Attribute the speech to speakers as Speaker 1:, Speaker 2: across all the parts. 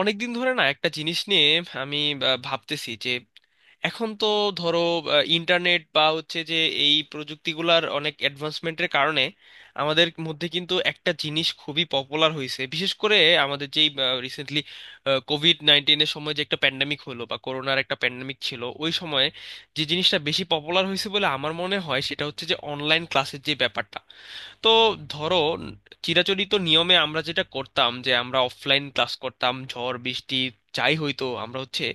Speaker 1: অনেকদিন ধরে না একটা জিনিস নিয়ে আমি ভাবতেছি যে এখন তো ধরো ইন্টারনেট বা হচ্ছে যে এই প্রযুক্তিগুলার অনেক অ্যাডভান্সমেন্টের কারণে আমাদের মধ্যে কিন্তু একটা জিনিস খুবই পপুলার হয়েছে, বিশেষ করে আমাদের যেই রিসেন্টলি COVID-19-এর সময় যে একটা প্যান্ডেমিক হলো বা করোনার একটা প্যান্ডেমিক ছিল ওই সময়ে, যে জিনিসটা বেশি পপুলার হয়েছে বলে আমার মনে হয় সেটা হচ্ছে যে অনলাইন ক্লাসের যে ব্যাপারটা। তো ধরো, চিরাচরিত নিয়মে আমরা যেটা করতাম যে আমরা অফলাইন ক্লাস করতাম, ঝড় বৃষ্টি যাই হইতো আমরা হচ্ছে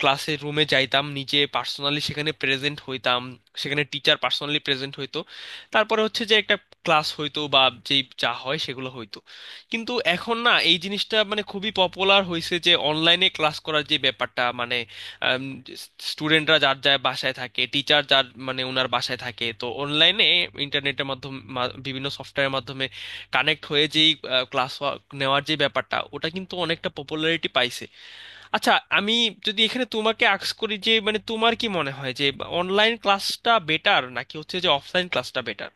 Speaker 1: ক্লাসের রুমে যাইতাম, নিজে পার্সোনালি সেখানে প্রেজেন্ট হইতাম, সেখানে টিচার পার্সোনালি প্রেজেন্ট হইতো, তারপরে হচ্ছে যে একটা ক্লাস হইতো বা যেই যা হয় সেগুলো হইতো। কিন্তু এখন না এই জিনিসটা মানে খুবই পপুলার হয়েছে যে অনলাইনে ক্লাস করার যে ব্যাপারটা, মানে স্টুডেন্টরা যার যার বাসায় থাকে, টিচার যার মানে ওনার বাসায় থাকে, তো অনলাইনে ইন্টারনেটের মাধ্যমে বিভিন্ন সফটওয়্যারের মাধ্যমে কানেক্ট হয়ে যেই ক্লাস নেওয়ার যে ব্যাপারটা, ওটা কিন্তু অনেকটা পপুলারিটি পাইছে। আচ্ছা, আমি যদি এখানে তোমাকে আস্ক করি যে মানে তোমার কি মনে হয় যে অনলাইন ক্লাসটা বেটার নাকি হচ্ছে যে অফলাইন ক্লাসটা বেটার?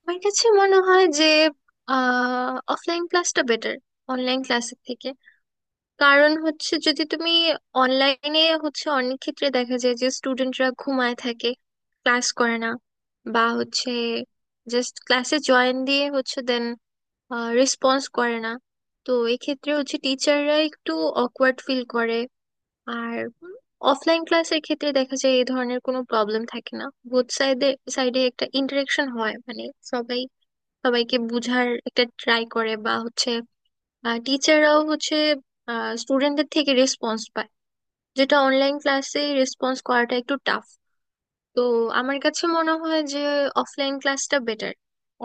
Speaker 2: আমার কাছে মনে হয় যে অফলাইন ক্লাসটা বেটার অনলাইন ক্লাসের থেকে। কারণ হচ্ছে, যদি তুমি অনলাইনে হচ্ছে অনেক ক্ষেত্রে দেখা যায় যে স্টুডেন্টরা ঘুমায় থাকে, ক্লাস করে না, বা হচ্ছে জাস্ট ক্লাসে জয়েন দিয়ে হচ্ছে দেন রেসপন্স করে না। তো এক্ষেত্রে হচ্ছে টিচাররা একটু অকওয়ার্ড ফিল করে। আর অফলাইন ক্লাসের ক্ষেত্রে দেখা যায় এই ধরনের কোনো প্রবলেম থাকে না। বোথ সাইডে সাইডে একটা ইন্টারেকশন হয়, মানে সবাই সবাইকে বুঝার একটা ট্রাই করে, বা হচ্ছে টিচাররাও হচ্ছে স্টুডেন্টদের থেকে রেসপন্স পায়, যেটা অনলাইন ক্লাসে রেসপন্স করাটা একটু টাফ। তো আমার কাছে মনে হয় যে অফলাইন ক্লাসটা বেটার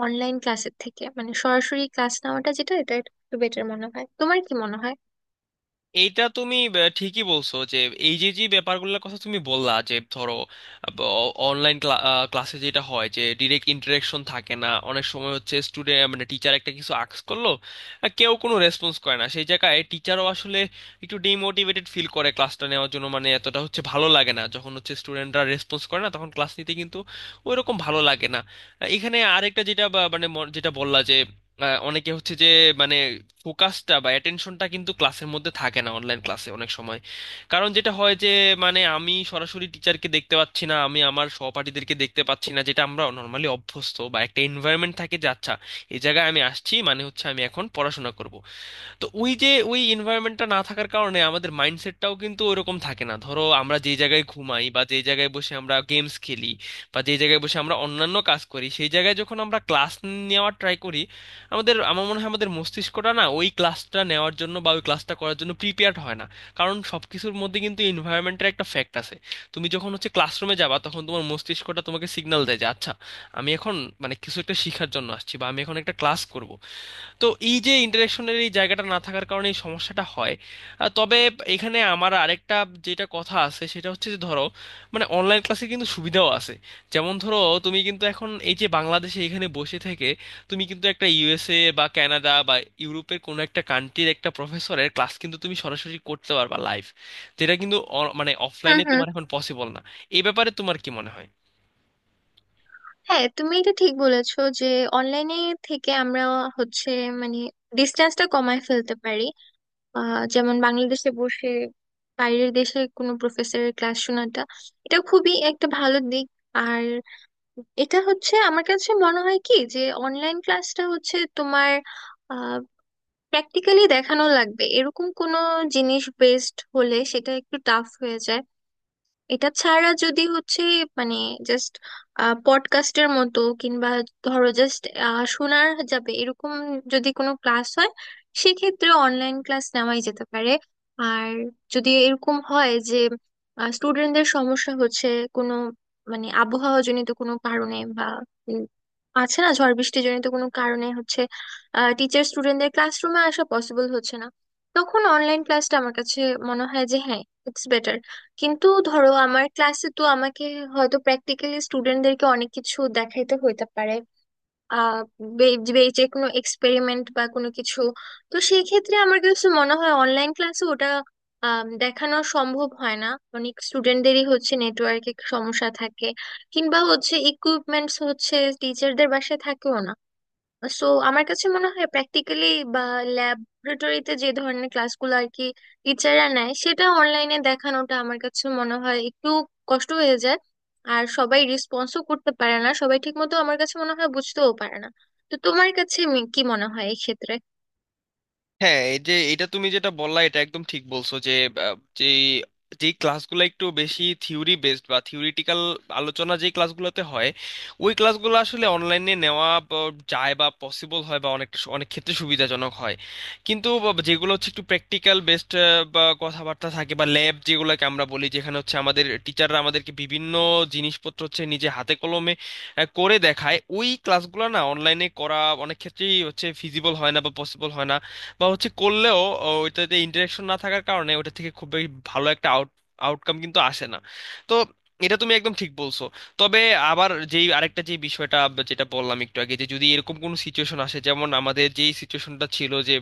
Speaker 2: অনলাইন ক্লাসের থেকে, মানে সরাসরি ক্লাস নেওয়াটা যেটা, এটা একটু বেটার মনে হয়। তোমার কি মনে হয়?
Speaker 1: এইটা তুমি ঠিকই বলছো যে এই যে যে ব্যাপারগুলোর কথা তুমি বললা যে ধরো অনলাইন ক্লাসে যেটা হয় যে ডিরেক্ট ইন্টারেকশন থাকে না, অনেক সময় হচ্ছে স্টুডেন্ট মানে টিচার একটা কিছু আক্স করলো, আর কেউ কোনো রেসপন্স করে না, সেই জায়গায় টিচারও আসলে একটু ডিমোটিভেটেড ফিল করে ক্লাসটা নেওয়ার জন্য, মানে এতটা হচ্ছে ভালো লাগে না, যখন হচ্ছে স্টুডেন্টরা রেসপন্স করে না তখন ক্লাস নিতে কিন্তু ওইরকম ভালো লাগে না। এখানে আরেকটা যেটা যেটা বললা যে অনেকে হচ্ছে যে মানে ফোকাসটা বা অ্যাটেনশনটা কিন্তু ক্লাসের মধ্যে থাকে না অনলাইন ক্লাসে অনেক সময়। কারণ যেটা হয় যে মানে আমি সরাসরি টিচারকে দেখতে পাচ্ছি না, আমি আমার সহপাঠীদেরকে দেখতে পাচ্ছি না, যেটা আমরা নর্মালি অভ্যস্ত বা একটা এনভায়রনমেন্ট থাকে যে আচ্ছা এই জায়গায় আমি আসছি মানে হচ্ছে আমি এখন পড়াশোনা করব। তো ওই যে ওই এনভায়রনমেন্টটা না থাকার কারণে আমাদের মাইন্ডসেটটাও কিন্তু ওইরকম থাকে না। ধরো আমরা যে জায়গায় ঘুমাই বা যে জায়গায় বসে আমরা গেমস খেলি বা যে জায়গায় বসে আমরা অন্যান্য কাজ করি, সেই জায়গায় যখন আমরা ক্লাস নেওয়ার ট্রাই করি, আমাদের আমার মনে হয় আমাদের মস্তিষ্কটা না ওই ক্লাসটা নেওয়ার জন্য বা ওই ক্লাসটা করার জন্য প্রিপেয়ার্ড হয় না। কারণ সবকিছুর মধ্যে কিন্তু এনভায়রনমেন্টের একটা ফ্যাক্ট আছে। তুমি যখন হচ্ছে ক্লাসরুমে যাবা তখন তোমার মস্তিষ্কটা তোমাকে সিগন্যাল দেয় যে আচ্ছা আমি এখন মানে কিছু একটা শেখার জন্য আসছি বা আমি এখন একটা ক্লাস করব। তো এই যে ইন্টারেকশনের এই জায়গাটা না থাকার কারণে এই সমস্যাটা হয়। তবে এখানে আমার আরেকটা যেটা কথা আছে সেটা হচ্ছে যে ধরো মানে অনলাইন ক্লাসে কিন্তু সুবিধাও আছে। যেমন ধরো, তুমি কিন্তু এখন এই যে বাংলাদেশে এখানে বসে থেকে তুমি কিন্তু একটা ইউএসএ বা কানাডা বা ইউরোপের কোনো একটা কান্ট্রির একটা প্রফেসরের ক্লাস কিন্তু তুমি সরাসরি করতে পারবা লাইভ, যেটা কিন্তু মানে
Speaker 2: হুম,
Speaker 1: অফলাইনে
Speaker 2: হুম।
Speaker 1: তোমার এখন পসিবল না। এই ব্যাপারে তোমার কি মনে হয়?
Speaker 2: হ্যাঁ, তুমি এটা ঠিক বলেছো যে অনলাইনে থেকে আমরা হচ্ছে মানে ডিস্টেন্সটা কমায় ফেলতে পারি। আহ, যেমন বাংলাদেশে বসে বাইরের দেশে কোনো প্রফেসরের ক্লাস শোনাটা, এটা খুবই একটা ভালো দিক। আর এটা হচ্ছে আমার কাছে মনে হয় কি, যে অনলাইন ক্লাসটা হচ্ছে তোমার প্র্যাকটিক্যালি দেখানো লাগবে এরকম কোনো জিনিস বেসড হলে সেটা একটু টাফ হয়ে যায়। এটা ছাড়া যদি হচ্ছে মানে জাস্ট পডকাস্টের মতো, কিংবা ধরো জাস্ট শোনার যাবে এরকম যদি কোনো ক্লাস হয়, সেক্ষেত্রে অনলাইন ক্লাস নেওয়াই যেতে পারে। আর যদি এরকম হয় যে স্টুডেন্টদের সমস্যা হচ্ছে কোনো, মানে আবহাওয়া জনিত কোনো কারণে, বা উম, আছে না ঝড় বৃষ্টি জনিত কোনো কারণে হচ্ছে টিচার স্টুডেন্টদের ক্লাসরুমে আসা পসিবল হচ্ছে না, তখন অনলাইন ক্লাসটা আমার কাছে মনে হয় যে হ্যাঁ, ইটস বেটার। কিন্তু ধরো আমার ক্লাসে তো আমাকে হয়তো প্র্যাকটিক্যালি স্টুডেন্টদেরকে অনেক কিছু দেখাইতে হইতে পারে। আহ, বে- বে- যে কোনো এক্সপেরিমেন্ট বা কোনো কিছু। তো সেই ক্ষেত্রে আমার কিছু মনে হয় অনলাইন ক্লাসে ওটা দেখানো সম্ভব হয় না। অনেক স্টুডেন্টদেরই হচ্ছে নেটওয়ার্কে সমস্যা থাকে, কিংবা হচ্ছে ইকুইপমেন্টস হচ্ছে টিচারদের বাসায় থাকেও না। সো আমার কাছে মনে হয় প্র্যাকটিক্যালি বা ল্যাবরেটরিতে যে ধরনের ক্লাসগুলো আর কি টিচাররা নেয়, সেটা অনলাইনে দেখানোটা আমার কাছে মনে হয় একটু কষ্ট হয়ে যায়। আর সবাই রেসপন্সও করতে পারে না, সবাই ঠিক মতো আমার কাছে মনে হয় বুঝতেও পারে না। তো তোমার কাছে কি মনে হয় এই ক্ষেত্রে?
Speaker 1: হ্যাঁ, এই যে এটা তুমি যেটা বললা এটা একদম ঠিক বলছো যে যে যে ক্লাসগুলো একটু বেশি থিওরি বেসড বা থিওরিটিক্যাল আলোচনা যে ক্লাসগুলোতে হয়, ওই ক্লাসগুলো আসলে অনলাইনে নেওয়া যায় বা পসিবল হয় বা অনেকটা অনেক ক্ষেত্রে সুবিধাজনক হয়। কিন্তু যেগুলো হচ্ছে একটু প্র্যাকটিক্যাল বেসড বা কথাবার্তা থাকে বা ল্যাব যেগুলোকে আমরা বলি, যেখানে হচ্ছে আমাদের টিচাররা আমাদেরকে বিভিন্ন জিনিসপত্র হচ্ছে নিজে হাতে কলমে করে দেখায়, ওই ক্লাসগুলো না অনলাইনে করা অনেক ক্ষেত্রেই হচ্ছে ফিজিবল হয় না বা পসিবল হয় না। বা হচ্ছে করলেও ওইটাতে ইন্টারেকশন না থাকার কারণে ওটা থেকে খুব বেশি ভালো একটা আউটকাম কিন্তু আসে না। তো এটা তুমি একদম ঠিক বলছো। তবে আবার যেই আরেকটা যে বিষয়টা বা যেটা বললাম একটু আগে যে যদি এরকম কোনো সিচুয়েশন আসে, যেমন আমাদের যেই সিচুয়েশনটা ছিল যে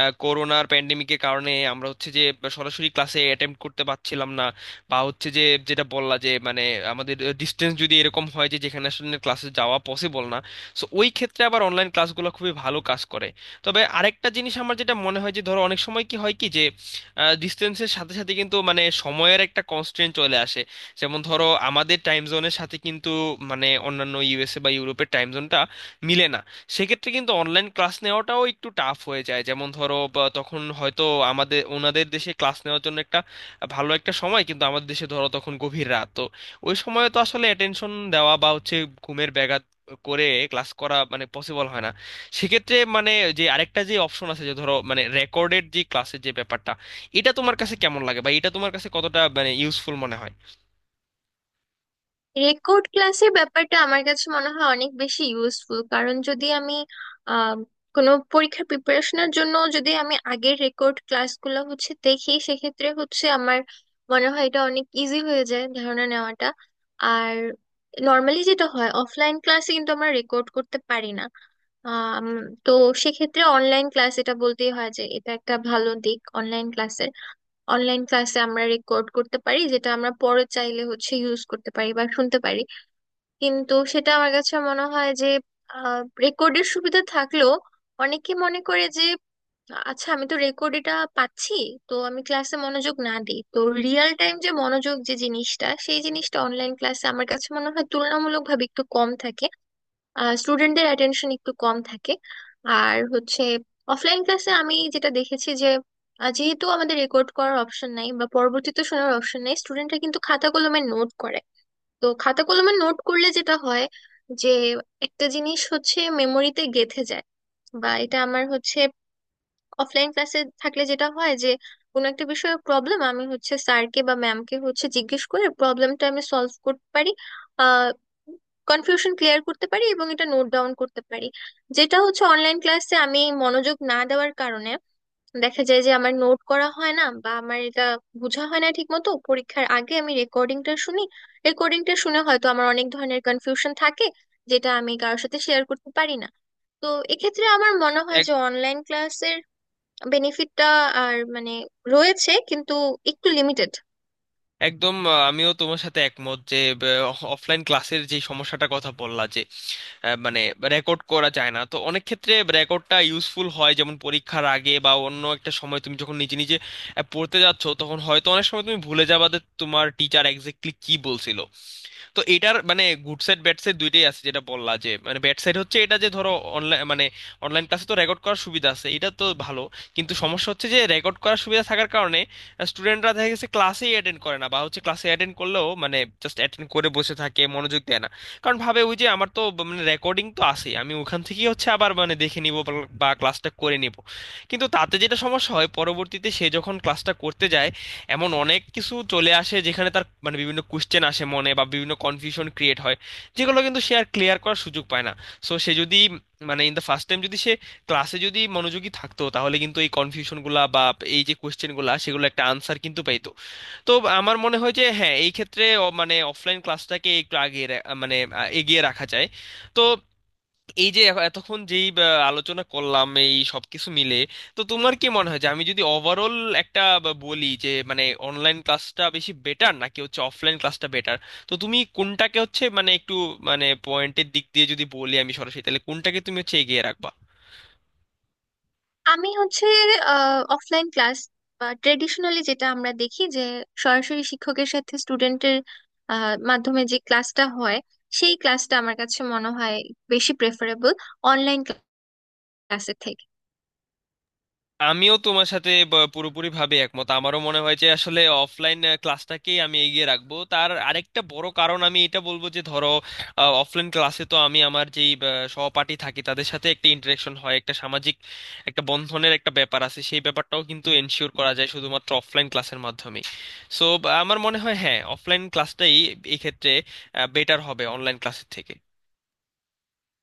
Speaker 1: করোনার প্যান্ডেমিকের কারণে আমরা হচ্ছে যে সরাসরি ক্লাসে অ্যাটেম্প করতে পারছিলাম না, বা হচ্ছে যে যেটা বললা যে মানে আমাদের ডিস্টেন্স যদি এরকম হয় যে যেখানে আসলে ক্লাসে যাওয়া পসিবল না, সো ওই ক্ষেত্রে আবার অনলাইন ক্লাসগুলো খুবই ভালো কাজ করে। তবে আরেকটা জিনিস আমার যেটা মনে হয় যে ধরো অনেক সময় কি হয় কি যে ডিস্টেন্সের সাথে সাথে কিন্তু মানে সময়ের একটা কনস্ট্রেন্ট চলে আসে। যেমন ধরো, আমাদের টাইম জোনের সাথে কিন্তু মানে অন্যান্য ইউএসএ বা ইউরোপের টাইম জোনটা মিলে না। সেক্ষেত্রে কিন্তু অনলাইন ক্লাস নেওয়াটাও একটু টাফ হয়ে যায়, যেমন ধরো বা তখন হয়তো আমাদের ওনাদের দেশে ক্লাস নেওয়ার জন্য একটা ভালো একটা সময় কিন্তু আমাদের দেশে ধরো তখন গভীর রাত, তো ওই সময়ে তো আসলে অ্যাটেনশন দেওয়া বা হচ্ছে ঘুমের ব্যাঘাত করে ক্লাস করা মানে পসিবল হয় না। সেক্ষেত্রে মানে যে আরেকটা যে অপশন আছে যে ধরো মানে রেকর্ডেড যে ক্লাসের যে ব্যাপারটা, এটা তোমার কাছে কেমন লাগে বা এটা তোমার কাছে কতটা মানে ইউজফুল মনে হয়?
Speaker 2: রেকর্ড ক্লাসের ব্যাপারটা আমার কাছে মনে হয় অনেক বেশি ইউজফুল। কারণ যদি আমি আহ, কোনো পরীক্ষার প্রিপারেশনের জন্য যদি আমি আগের রেকর্ড ক্লাসগুলো হচ্ছে দেখি, সেক্ষেত্রে হচ্ছে আমার মনে হয় এটা অনেক ইজি হয়ে যায় ধারণা নেওয়াটা। আর নর্মালি যেটা হয়, অফলাইন ক্লাসে কিন্তু আমরা রেকর্ড করতে পারি না। আম, তো সেক্ষেত্রে অনলাইন ক্লাস, এটা বলতেই হয় যে এটা একটা ভালো দিক অনলাইন ক্লাসের। অনলাইন ক্লাসে আমরা রেকর্ড করতে পারি, যেটা আমরা পরে চাইলে হচ্ছে ইউজ করতে পারি বা শুনতে পারি। কিন্তু সেটা আমার কাছে মনে হয় যে রেকর্ডের সুবিধা থাকলেও অনেকে মনে করে যে আচ্ছা, আমি তো রেকর্ড এটা পাচ্ছি, তো আমি ক্লাসে মনোযোগ না দিই। তো রিয়েল টাইম যে মনোযোগ যে জিনিসটা, সেই জিনিসটা অনলাইন ক্লাসে আমার কাছে মনে হয় তুলনামূলকভাবে একটু কম থাকে। স্টুডেন্টদের অ্যাটেনশন একটু কম থাকে। আর হচ্ছে অফলাইন ক্লাসে আমি যেটা দেখেছি যে যেহেতু আমাদের রেকর্ড করার অপশন নাই বা পরবর্তীতে শোনার অপশন নাই, স্টুডেন্টরা কিন্তু খাতা কলমে নোট করে। তো খাতা কলমে নোট করলে যেটা হয় যে একটা জিনিস হচ্ছে মেমোরিতে গেঁথে যায়। বা এটা আমার হচ্ছে অফলাইন ক্লাসে থাকলে যেটা হয় যে কোনো একটা বিষয়ে প্রবলেম আমি হচ্ছে স্যারকে বা ম্যামকে হচ্ছে জিজ্ঞেস করে প্রবলেমটা আমি সলভ করতে পারি। আহ, কনফিউশন ক্লিয়ার করতে পারি এবং এটা নোট ডাউন করতে পারি। যেটা হচ্ছে অনলাইন ক্লাসে আমি মনোযোগ না দেওয়ার কারণে দেখা যায় যে আমার নোট করা হয় না, বা আমার এটা বোঝা হয় না ঠিক মতো। পরীক্ষার আগে আমি রেকর্ডিংটা শুনি, রেকর্ডিংটা শুনে হয়তো আমার অনেক ধরনের কনফিউশন থাকে, যেটা আমি কারোর সাথে শেয়ার করতে পারি না। তো এক্ষেত্রে আমার মনে হয়
Speaker 1: এক-
Speaker 2: যে অনলাইন ক্লাসের বেনিফিটটা আর মানে রয়েছে কিন্তু একটু লিমিটেড।
Speaker 1: একদম আমিও তোমার সাথে একমত যে অফলাইন ক্লাসের যে সমস্যাটা কথা বললা যে মানে রেকর্ড করা যায় না, তো অনেক ক্ষেত্রে রেকর্ডটা ইউজফুল হয়, যেমন পরীক্ষার আগে বা অন্য একটা সময় তুমি যখন নিজে নিজে পড়তে যাচ্ছ তখন হয়তো অনেক সময় তুমি ভুলে যাবা যে তোমার টিচার এক্স্যাক্টলি কি বলছিল। তো এটার মানে গুড সাইড ব্যাড সাইড দুইটাই আছে, যেটা বললা যে মানে ব্যাড সাইড হচ্ছে এটা যে ধরো অনলাইন মানে অনলাইন ক্লাসে তো রেকর্ড করার সুবিধা আছে, এটা তো ভালো। কিন্তু সমস্যা হচ্ছে যে রেকর্ড করার সুবিধা থাকার কারণে স্টুডেন্টরা দেখা গেছে ক্লাসেই অ্যাটেন্ড করে না, বা হচ্ছে ক্লাসে অ্যাটেন্ড করলেও মানে জাস্ট অ্যাটেন্ড করে বসে থাকে, মনোযোগ দেয় না। কারণ ভাবে ওই যে আমার তো মানে রেকর্ডিং তো আছে, আমি ওখান থেকেই হচ্ছে আবার মানে দেখে নিব বা ক্লাসটা করে নিব। কিন্তু তাতে যেটা সমস্যা হয় পরবর্তীতে সে যখন ক্লাসটা করতে যায়, এমন অনেক কিছু চলে আসে যেখানে তার মানে বিভিন্ন কোশ্চেন আসে মনে বা বিভিন্ন কনফিউশন ক্রিয়েট হয়, যেগুলো কিন্তু সে আর ক্লিয়ার করার সুযোগ পায় না। সো সে যদি মানে ইন দ্য ফার্স্ট টাইম যদি সে ক্লাসে যদি মনোযোগী থাকতো, তাহলে কিন্তু এই কনফিউশনগুলা বা এই যে কোশ্চেনগুলা সেগুলো একটা আনসার কিন্তু পেতো। তো আমার মনে হয় যে হ্যাঁ এই ক্ষেত্রে মানে অফলাইন ক্লাসটাকে একটু আগে মানে এগিয়ে রাখা যায়। তো এই যে এতক্ষণ যেই আলোচনা করলাম এই সবকিছু মিলে, তো তোমার কি মনে হয় যে আমি যদি ওভারঅল একটা বলি যে মানে অনলাইন ক্লাসটা বেশি বেটার নাকি হচ্ছে অফলাইন ক্লাসটা বেটার? তো তুমি কোনটাকে হচ্ছে মানে একটু মানে পয়েন্টের দিক দিয়ে যদি বলি আমি সরাসরি তাহলে কোনটাকে তুমি হচ্ছে এগিয়ে রাখবা?
Speaker 2: আমি হচ্ছে অফলাইন ক্লাস, বা ট্রেডিশনালি যেটা আমরা দেখি যে সরাসরি শিক্ষকের সাথে স্টুডেন্টের মাধ্যমে যে ক্লাসটা হয়, সেই ক্লাসটা আমার কাছে মনে হয় বেশি প্রেফারেবল অনলাইন ক্লাসের থেকে।
Speaker 1: আমিও তোমার সাথে পুরোপুরিভাবে একমত। আমারও মনে হয় যে আসলে অফলাইন ক্লাসটাকেই আমি এগিয়ে রাখবো। তার আরেকটা বড় কারণ আমি এটা বলবো যে ধরো অফলাইন ক্লাসে তো আমি আমার যেই সহপাঠী থাকি তাদের সাথে একটা ইন্টারেকশন হয়, একটা সামাজিক একটা বন্ধনের একটা ব্যাপার আছে, সেই ব্যাপারটাও কিন্তু এনশিওর করা যায় শুধুমাত্র অফলাইন ক্লাসের মাধ্যমে। সো আমার মনে হয় হ্যাঁ অফলাইন ক্লাসটাই এক্ষেত্রে বেটার হবে অনলাইন ক্লাসের থেকে।